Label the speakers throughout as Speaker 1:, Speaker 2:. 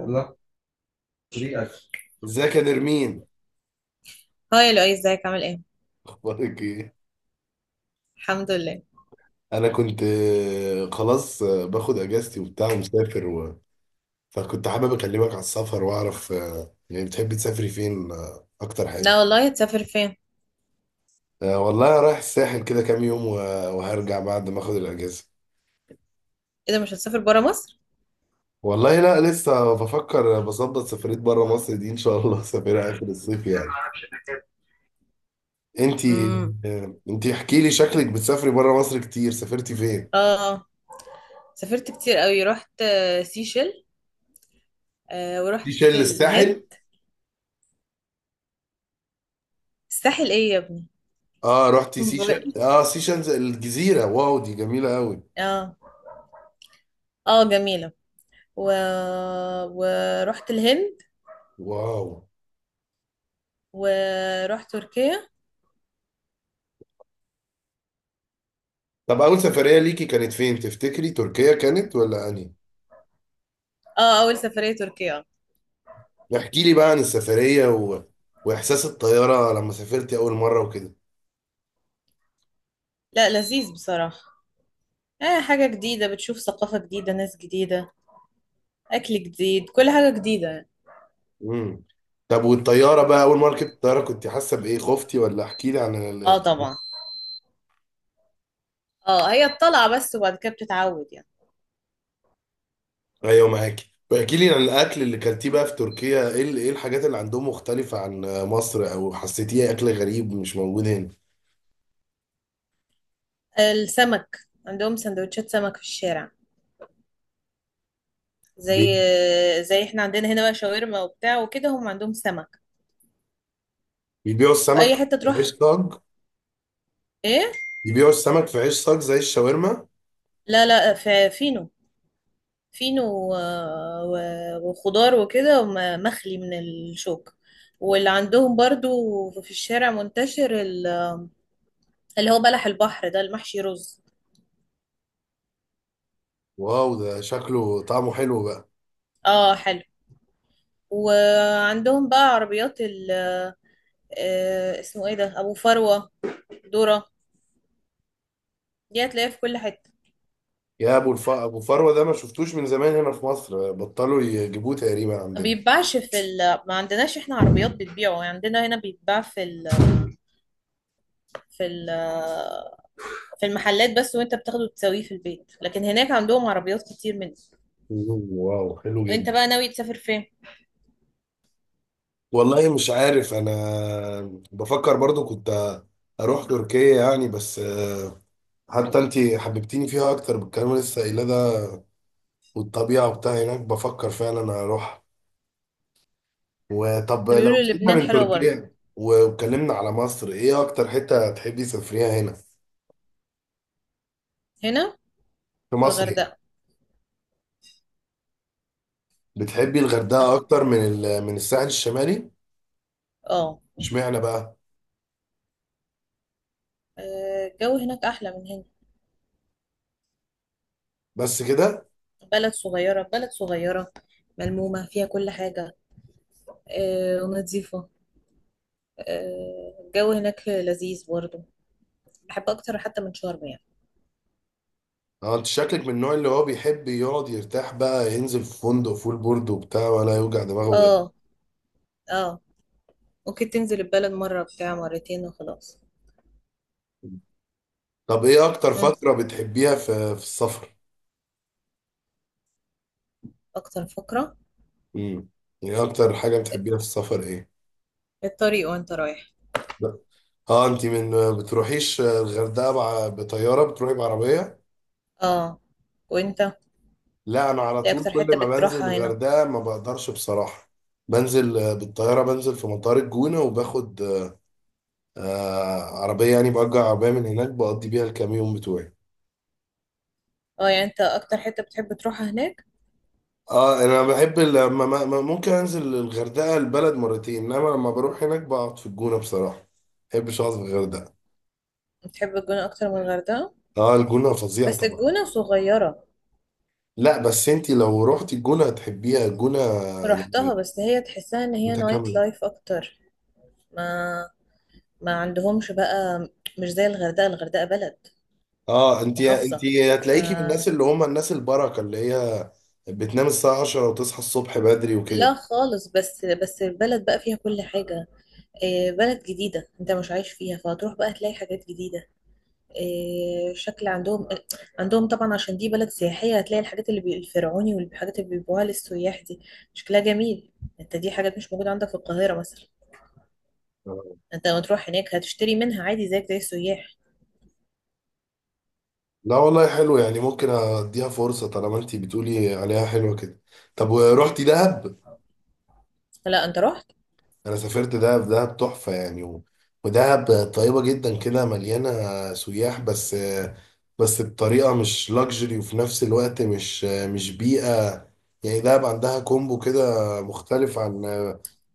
Speaker 1: يلا، طريقك.
Speaker 2: ازيك يا نرمين؟
Speaker 1: هاي لؤي، ازيك؟ عامل ايه؟
Speaker 2: اخبارك ايه؟
Speaker 1: الحمد لله.
Speaker 2: انا كنت خلاص، باخد اجازتي وبتاع ومسافر فكنت حابب اكلمك على السفر واعرف، يعني بتحبي تسافري فين، اكتر
Speaker 1: لا
Speaker 2: حاجه؟
Speaker 1: والله، هتسافر فين؟
Speaker 2: والله أنا رايح الساحل كده كام يوم وهرجع بعد ما اخد الاجازه.
Speaker 1: ايه ده، مش هتسافر برا مصر؟
Speaker 2: والله لا لسه بفكر، بظبط سفريه بره مصر دي ان شاء الله سافرها اخر الصيف يعني. انتي؟
Speaker 1: امم.
Speaker 2: احكي لي، شكلك بتسافري بره مصر كتير، سافرتي فين؟
Speaker 1: اه، سافرت كتير قوي. رحت سيشل. آه،
Speaker 2: في
Speaker 1: ورحت
Speaker 2: شل الساحل.
Speaker 1: الهند. الساحل ايه يا ابني؟
Speaker 2: اه رحتي سيشن،
Speaker 1: بقول.
Speaker 2: اه سيشنز الجزيرة، واو دي جميلة قوي.
Speaker 1: اه، اه، جميلة. و... ورحت الهند.
Speaker 2: واو.
Speaker 1: ورحت تركيا.
Speaker 2: طب اول سفرية ليكي كانت فين تفتكري، تركيا كانت ولا انهي؟
Speaker 1: اه، اول سفرية تركيا.
Speaker 2: احكي لي بقى عن السفرية واحساس الطيارة لما سافرتي اول مرة وكده.
Speaker 1: لا، لذيذ بصراحة. اه، حاجة جديدة، بتشوف ثقافة جديدة، ناس جديدة، اكل جديد، كل حاجة جديدة.
Speaker 2: امم. طب والطيارة بقى اول مرة ركبت الطيارة كنت حاسة بايه، خفتي ولا؟ احكي لي عن
Speaker 1: اه، طبعا. اه، هي الطلعة بس، وبعد كده بتتعود يعني.
Speaker 2: ايوه معاكي، واحكي لي عن الاكل اللي كلتيه بقى في تركيا، ايه ايه الحاجات اللي عندهم مختلفة عن مصر او حسيتيها اكل غريب مش موجود هنا؟
Speaker 1: السمك. عندهم سندوتشات سمك في الشارع، زي
Speaker 2: بي-
Speaker 1: زي احنا عندنا هنا بقى شاورما وبتاع وكده، هم عندهم سمك.
Speaker 2: بيبيعوا السمك؟
Speaker 1: اي حتة
Speaker 2: ملهاش
Speaker 1: تروح.
Speaker 2: طاج؟
Speaker 1: ايه؟
Speaker 2: يبيعوا السمك في عيش صاج زي الشاورما؟
Speaker 1: لا لا، في فينو. فينو وخضار وكده مخلي من الشوك. واللي عندهم برضو في الشارع منتشر اللي هو بلح البحر ده، المحشي رز.
Speaker 2: واو، ده شكله طعمه حلو بقى.
Speaker 1: اه، حلو. وعندهم بقى عربيات اسمه ايه ده؟ ابو فروة. ذرة. دي هتلاقيها في كل حتة.
Speaker 2: يا ابو فروه ده ما شفتوش من زمان هنا في مصر، بطلوا يجيبوه تقريبا
Speaker 1: ما
Speaker 2: عندنا.
Speaker 1: بيتباعش. ما عندناش احنا عربيات بتبيعه يعني. عندنا هنا بيتباع في ال... في المحلات بس، وانت بتاخده تسويه في البيت. لكن هناك عندهم عربيات كتير منه.
Speaker 2: مم، واو حلو
Speaker 1: انت
Speaker 2: جدا.
Speaker 1: بقى ناوي تسافر فين؟
Speaker 2: والله مش عارف انا. بفكر برضو كنت اروح تركيا يعني بس، حتى انت حببتيني فيها اكتر بالكلام اللي لسه قايله ده، والطبيعه وبتاع هناك، بفكر فعلا اروح. وطب لو
Speaker 1: بيقولوا
Speaker 2: سيبنا
Speaker 1: لبنان
Speaker 2: من
Speaker 1: حلوة برضه.
Speaker 2: تركيا واتكلمنا على مصر، ايه اكتر حته تحبي تسافريها هنا
Speaker 1: هنا
Speaker 2: في
Speaker 1: في
Speaker 2: مصر؟
Speaker 1: الغردقة.
Speaker 2: بتحبي الغردقه
Speaker 1: الغ-
Speaker 2: اكتر من من الساحل الشمالي؟
Speaker 1: اه.
Speaker 2: اشمعنى بقى؟
Speaker 1: الجو هناك احلى من هنا.
Speaker 2: بس كده؟
Speaker 1: بلد صغيرة، بلد صغيرة، ملمومة فيها كل حاجة. ونظيفة. الجو هناك لذيذ برضه. بحب اكتر حتى من شرم يعني.
Speaker 2: اه، انت شكلك من النوع اللي هو بيحب يقعد يرتاح بقى، ينزل في فندق فول بورد وبتاع ولا يوجع دماغه يعني.
Speaker 1: اه، اه، اوكي، تنزل البلد مرة بتاع مرتين وخلاص.
Speaker 2: طب ايه اكتر
Speaker 1: مم.
Speaker 2: فتره بتحبيها في السفر؟
Speaker 1: اكتر فقرة؟
Speaker 2: امم. يعني اكتر حاجه بتحبيها في السفر ايه؟
Speaker 1: الطريق وانت رايح.
Speaker 2: لا. اه، انت من بتروحيش الغردقه مع بطياره، بتروحي بعربيه؟
Speaker 1: اه، وانت،
Speaker 2: لا، انا على
Speaker 1: ايه
Speaker 2: طول
Speaker 1: اكتر
Speaker 2: كل
Speaker 1: حتة
Speaker 2: ما بنزل
Speaker 1: بتروحها هنا؟
Speaker 2: الغردقه ما بقدرش بصراحه. بنزل بالطياره، بنزل في مطار الجونه وباخد عربية، يعني بأجر عربية من هناك بقضي بيها الكام يوم بتوعي.
Speaker 1: اه، يعني انت اكتر حتة بتحب تروحها هناك؟
Speaker 2: اه، انا بحب لما ممكن انزل الغردقة البلد مرتين، انما لما بروح هناك بقعد في الجونة بصراحة، ما بحبش اقعد في الغردقة.
Speaker 1: بتحب الجونة اكتر من الغردقة؟
Speaker 2: اه الجونة فظيعة
Speaker 1: بس
Speaker 2: طبعا.
Speaker 1: الجونة صغيرة.
Speaker 2: لا بس انت لو رحت الجونة هتحبيها الجونة،
Speaker 1: رحتها،
Speaker 2: يعني
Speaker 1: بس هي تحسها ان هي نايت
Speaker 2: متكاملة.
Speaker 1: لايف اكتر. ما ما عندهمش بقى. مش زي الغردقة. الغردقة بلد
Speaker 2: اه، انت
Speaker 1: محافظة، ف
Speaker 2: هتلاقيكي من الناس اللي هم الناس البركة، اللي هي بتنام الساعة 10 وتصحى الصبح بدري وكده.
Speaker 1: لا خالص. بس بس البلد بقى فيها كل حاجة. بلد جديدة انت مش عايش فيها، فهتروح بقى تلاقي حاجات جديدة. شكل عندهم. عندهم طبعا، عشان دي بلد سياحية، هتلاقي الحاجات اللي الفرعوني، والحاجات اللي بيبيعوها للسياح دي، شكلها جميل. انت دي حاجات مش موجودة عندك في القاهرة مثلا. انت لما تروح هناك هتشتري منها عادي، زيك زي السياح.
Speaker 2: لا والله حلو يعني، ممكن اديها فرصة طالما انتي بتقولي عليها حلوة كده. طب ورحتي دهب؟
Speaker 1: لا، انت رحت.
Speaker 2: انا سافرت دهب، دهب تحفة يعني ودهب طيبة جدا كده، مليانة سياح بس، بس بطريقة مش لاكجري، وفي نفس الوقت مش بيئة، يعني دهب عندها كومبو كده مختلف عن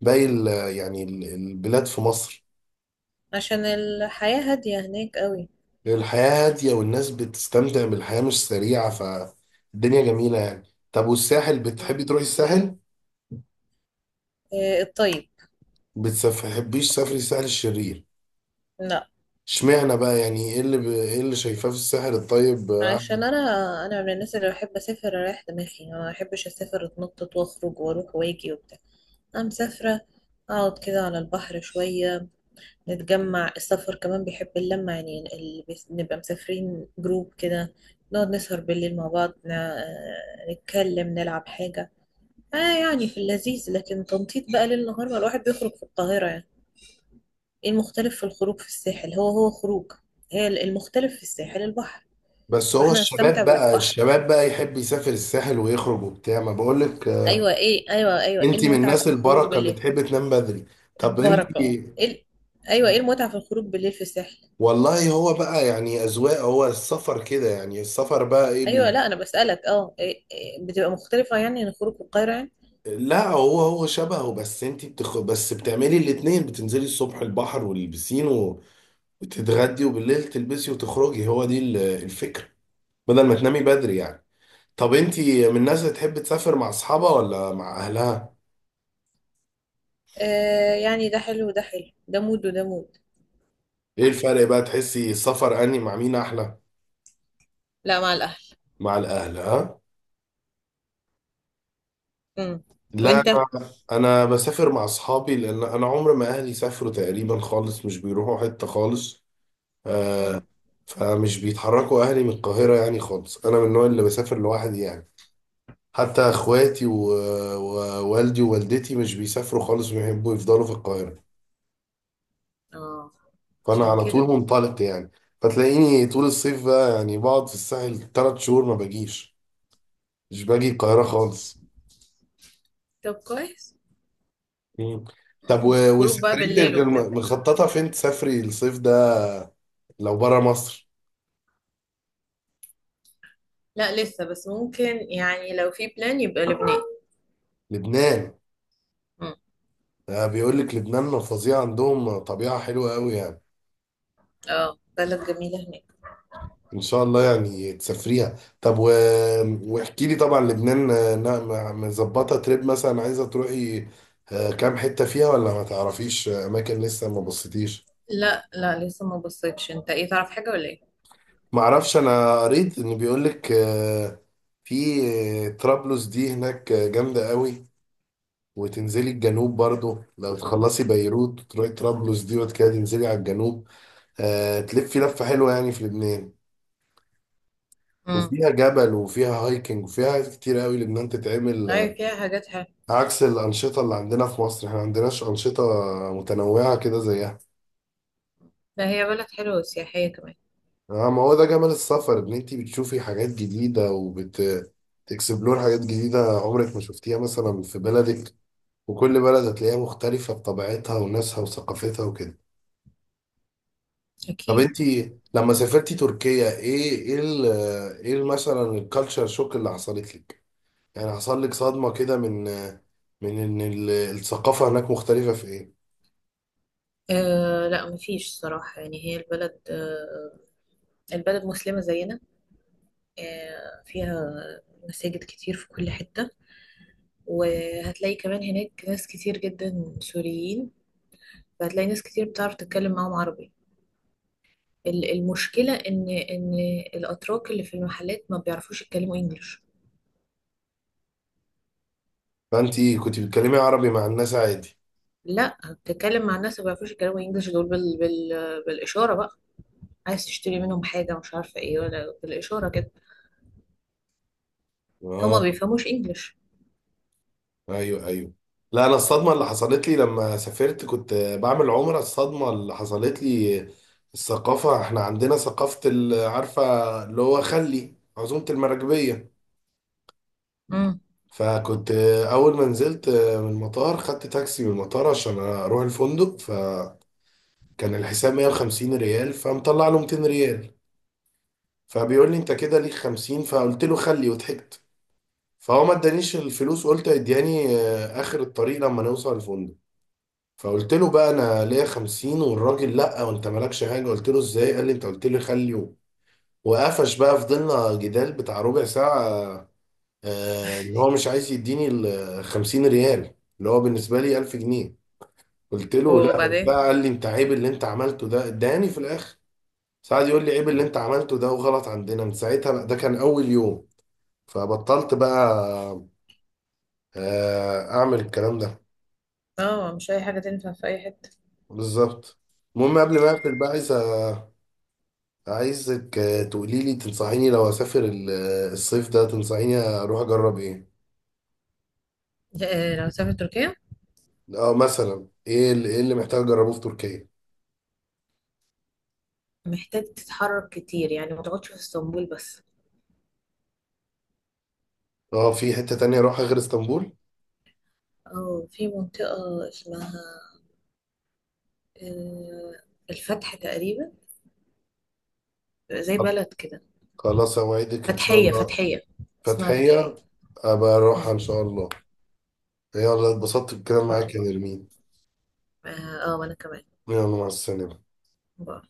Speaker 2: باقي يعني البلاد في مصر.
Speaker 1: عشان الحياة هادية هناك قوي.
Speaker 2: الحياة هادية والناس بتستمتع بالحياة مش سريعة، فالدنيا جميلة يعني. طب والساحل،
Speaker 1: م.
Speaker 2: بتحبي تروحي الساحل؟
Speaker 1: الطيب.
Speaker 2: بتحبيش سفري الساحل الشرير؟
Speaker 1: لا،
Speaker 2: اشمعنى بقى، يعني ايه اللي ايه اللي شايفاه في الساحل الطيب؟
Speaker 1: عشان انا من الناس اللي بحب اسافر اريح دماغي. ما بحبش اسافر اتنطط واخرج واروح واجي وبتاع. أنا مسافرة، أقعد كده على البحر شوية نتجمع. السفر كمان بيحب اللمة يعني. اللي نبقى مسافرين جروب كده، نقعد نسهر بالليل مع بعض، نتكلم، نلعب حاجة. آه، يعني في اللذيذ، لكن تنطيط بقى ليل نهار، ما الواحد بيخرج في القاهرة يعني. إيه المختلف في الخروج في الساحل؟ هو هو خروج. هي المختلف في الساحل البحر.
Speaker 2: بس
Speaker 1: يبقى
Speaker 2: هو
Speaker 1: احنا هنستمتع
Speaker 2: الشباب بقى
Speaker 1: بالبحر.
Speaker 2: الشباب بقى يحب يسافر الساحل ويخرج وبتاع ما بقولك.
Speaker 1: أيوة. إيه؟ أيوة، أيوة. إيه
Speaker 2: انت من
Speaker 1: المتعة في
Speaker 2: الناس
Speaker 1: الخروج
Speaker 2: البركة اللي
Speaker 1: بالليل؟
Speaker 2: تحب تنام بدري. طب انت،
Speaker 1: البركة. اه، إيه أيوة، إيه المتعة في الخروج بالليل في الساحل؟
Speaker 2: والله هو بقى يعني اذواق، هو السفر كده يعني السفر بقى ايه
Speaker 1: ايوه. لا انا بسألك. اه، إيه، بتبقى مختلفة يعني عن خروج القاهرة يعني؟
Speaker 2: لا هو شبهه، بس بتعملي الاتنين، بتنزلي الصبح البحر والبسين وتتغدي، وبالليل تلبسي وتخرجي، هو دي الفكرة، بدل ما تنامي بدري يعني. طب انتي من الناس اللي تحب تسافر مع اصحابها ولا مع اهلها؟
Speaker 1: يعني ده حلو وده حلو، ده مود وده مود.
Speaker 2: ايه الفرق بقى، تحسي السفر اني مع مين احلى؟
Speaker 1: لا، مع الاهل.
Speaker 2: مع الاهل؟ ها؟
Speaker 1: امم.
Speaker 2: لا
Speaker 1: وانت؟
Speaker 2: انا بسافر مع اصحابي، لان انا عمر ما اهلي سافروا تقريبا خالص، مش بيروحوا حتة خالص، آه
Speaker 1: امم.
Speaker 2: فمش بيتحركوا اهلي من القاهرة يعني خالص، انا من النوع اللي بسافر لوحدي يعني. حتى اخواتي ووالدي ووالدتي مش بيسافروا خالص، بيحبوا يفضلوا في القاهرة.
Speaker 1: اه،
Speaker 2: فانا
Speaker 1: عشان
Speaker 2: على طول
Speaker 1: كده.
Speaker 2: منطلق يعني، فتلاقيني طول الصيف بقى يعني بقعد في الساحل 3 شهور، ما باجيش، مش باجي القاهرة خالص.
Speaker 1: طب كويس.
Speaker 2: مم. طب
Speaker 1: خروج بقى
Speaker 2: وسفريتك
Speaker 1: بالليل وبتاع.
Speaker 2: مخططة فين تسافري الصيف ده، لو بره مصر؟
Speaker 1: لا، لسه بس ممكن يعني، لو في بلان يبقى لبنان.
Speaker 2: لبنان؟
Speaker 1: امم.
Speaker 2: بيقول لك لبنان فظيع، عندهم طبيعة حلوة قوي يعني،
Speaker 1: اه، بلد جميلة هناك.
Speaker 2: ان شاء الله يعني تسافريها. طب واحكي لي طبعا لبنان، مظبطة تريب مثلا عايزة تروحي، كام حتة فيها ولا ما تعرفيش اماكن لسه ما بصيتيش؟
Speaker 1: لا لا، لسه ما بصيتش. انت ايه، تعرف حاجة ولا ايه؟
Speaker 2: معرفش، انا قريت ان بيقولك في طرابلس دي هناك جامدة قوي، وتنزلي الجنوب برضو لو تخلصي بيروت وتروحي طرابلس دي وبعد كده تنزلي على الجنوب، تلفي لفة حلوة يعني في لبنان.
Speaker 1: امم.
Speaker 2: وفيها جبل وفيها هايكنج وفيها حاجات كتير قوي لبنان تتعمل،
Speaker 1: ايوه، فيها حاجات حلوة.
Speaker 2: عكس الأنشطة اللي عندنا في مصر، احنا ما عندناش أنشطة متنوعة كده زيها.
Speaker 1: لا، هي بلد حلوة وسياحية كمان.
Speaker 2: اه ما هو ده جمال السفر، ان انت بتشوفي حاجات جديده وبت تكسبلور حاجات جديده عمرك ما شفتيها مثلا في بلدك، وكل بلد هتلاقيها مختلفه بطبيعتها وناسها وثقافتها وكده. طب
Speaker 1: أكيد.
Speaker 2: انت لما سافرتي تركيا، مثلا الكالتشر شوك اللي حصلت لك؟ يعني حصل لك صدمه كده من ان الثقافه هناك مختلفه في ايه؟
Speaker 1: لا مفيش صراحة يعني. هي البلد البلد مسلمة زينا. فيها مساجد كتير في كل حتة. وهتلاقي كمان هناك ناس كتير جدا سوريين، فهتلاقي ناس كتير بتعرف تتكلم معاهم عربي. المشكلة إن الأتراك اللي في المحلات ما بيعرفوش يتكلموا إنجليش.
Speaker 2: فانت كنت بتتكلمي عربي مع الناس عادي؟
Speaker 1: لا، بتتكلم مع الناس ما بيعرفوش يتكلموا إنجليش دول بالإشارة بقى. عايز تشتري منهم حاجة مش عارفة إيه، ولا بالإشارة كده. هما
Speaker 2: اه،
Speaker 1: ما بيفهموش إنجليش.
Speaker 2: ايوه ايوه. لا، انا الصدمه اللي حصلت لي لما سافرت كنت بعمل عمره، الصدمه اللي حصلت لي الثقافه، احنا عندنا ثقافه عارفه، اللي هو خلي عزومه المراكبيه.
Speaker 1: امم.
Speaker 2: فكنت اول ما نزلت من المطار، خدت تاكسي من المطار عشان اروح الفندق، فكان الحساب 150 ريال، فمطلع له 200 ريال، فبيقول لي انت كده ليك 50، فقلت له خلي، وضحكت. فهو ما ادانيش الفلوس، قلت ادياني اخر الطريق لما نوصل الفندق. فقلت له بقى، انا ليا 50، والراجل لا وانت مالكش حاجه. قلت له ازاي؟ قال لي انت قلت لي خليه، وقفش بقى. فضلنا جدال بتاع ربع ساعه، ان هو مش عايز يديني ال 50 ريال اللي هو بالنسبه لي 1000 جنيه. قلت له لا
Speaker 1: وبعدين.
Speaker 2: وبتاع، قال لي انت عيب اللي انت عملته ده، اداني في الاخر. ساعد يقول لي عيب اللي انت عملته ده وغلط عندنا، من ساعتها بقى ده كان اول يوم، فبطلت بقى اعمل الكلام ده.
Speaker 1: اه، مش اي حاجه تنفع في اي حته.
Speaker 2: بالظبط. المهم قبل ما اقفل بقى، عايزك تقولي لي تنصحيني، لو اسافر الصيف ده تنصحيني اروح اجرب ايه؟
Speaker 1: لو سافر تركيا،
Speaker 2: اه مثلا إيه اللي محتاج اجربه في تركيا؟
Speaker 1: محتاج تتحرك كتير يعني، ما تقعدش في اسطنبول بس.
Speaker 2: اه، في حتة تانية اروحها غير اسطنبول؟
Speaker 1: اه، في منطقه اسمها، آه، الفتح تقريبا، زي
Speaker 2: طب
Speaker 1: بلد كده.
Speaker 2: خلاص، اوعدك ان شاء
Speaker 1: فتحيه،
Speaker 2: الله.
Speaker 1: فتحيه. اسمها فتحيه.
Speaker 2: فتحية، ابقى
Speaker 1: مم. ان
Speaker 2: اروحها ان شاء الله. يلا، اتبسطت بالكلام
Speaker 1: شاء
Speaker 2: معاك يا
Speaker 1: الله.
Speaker 2: نرمين.
Speaker 1: اه. وانا كمان.
Speaker 2: يلا مع السلامة.
Speaker 1: باي.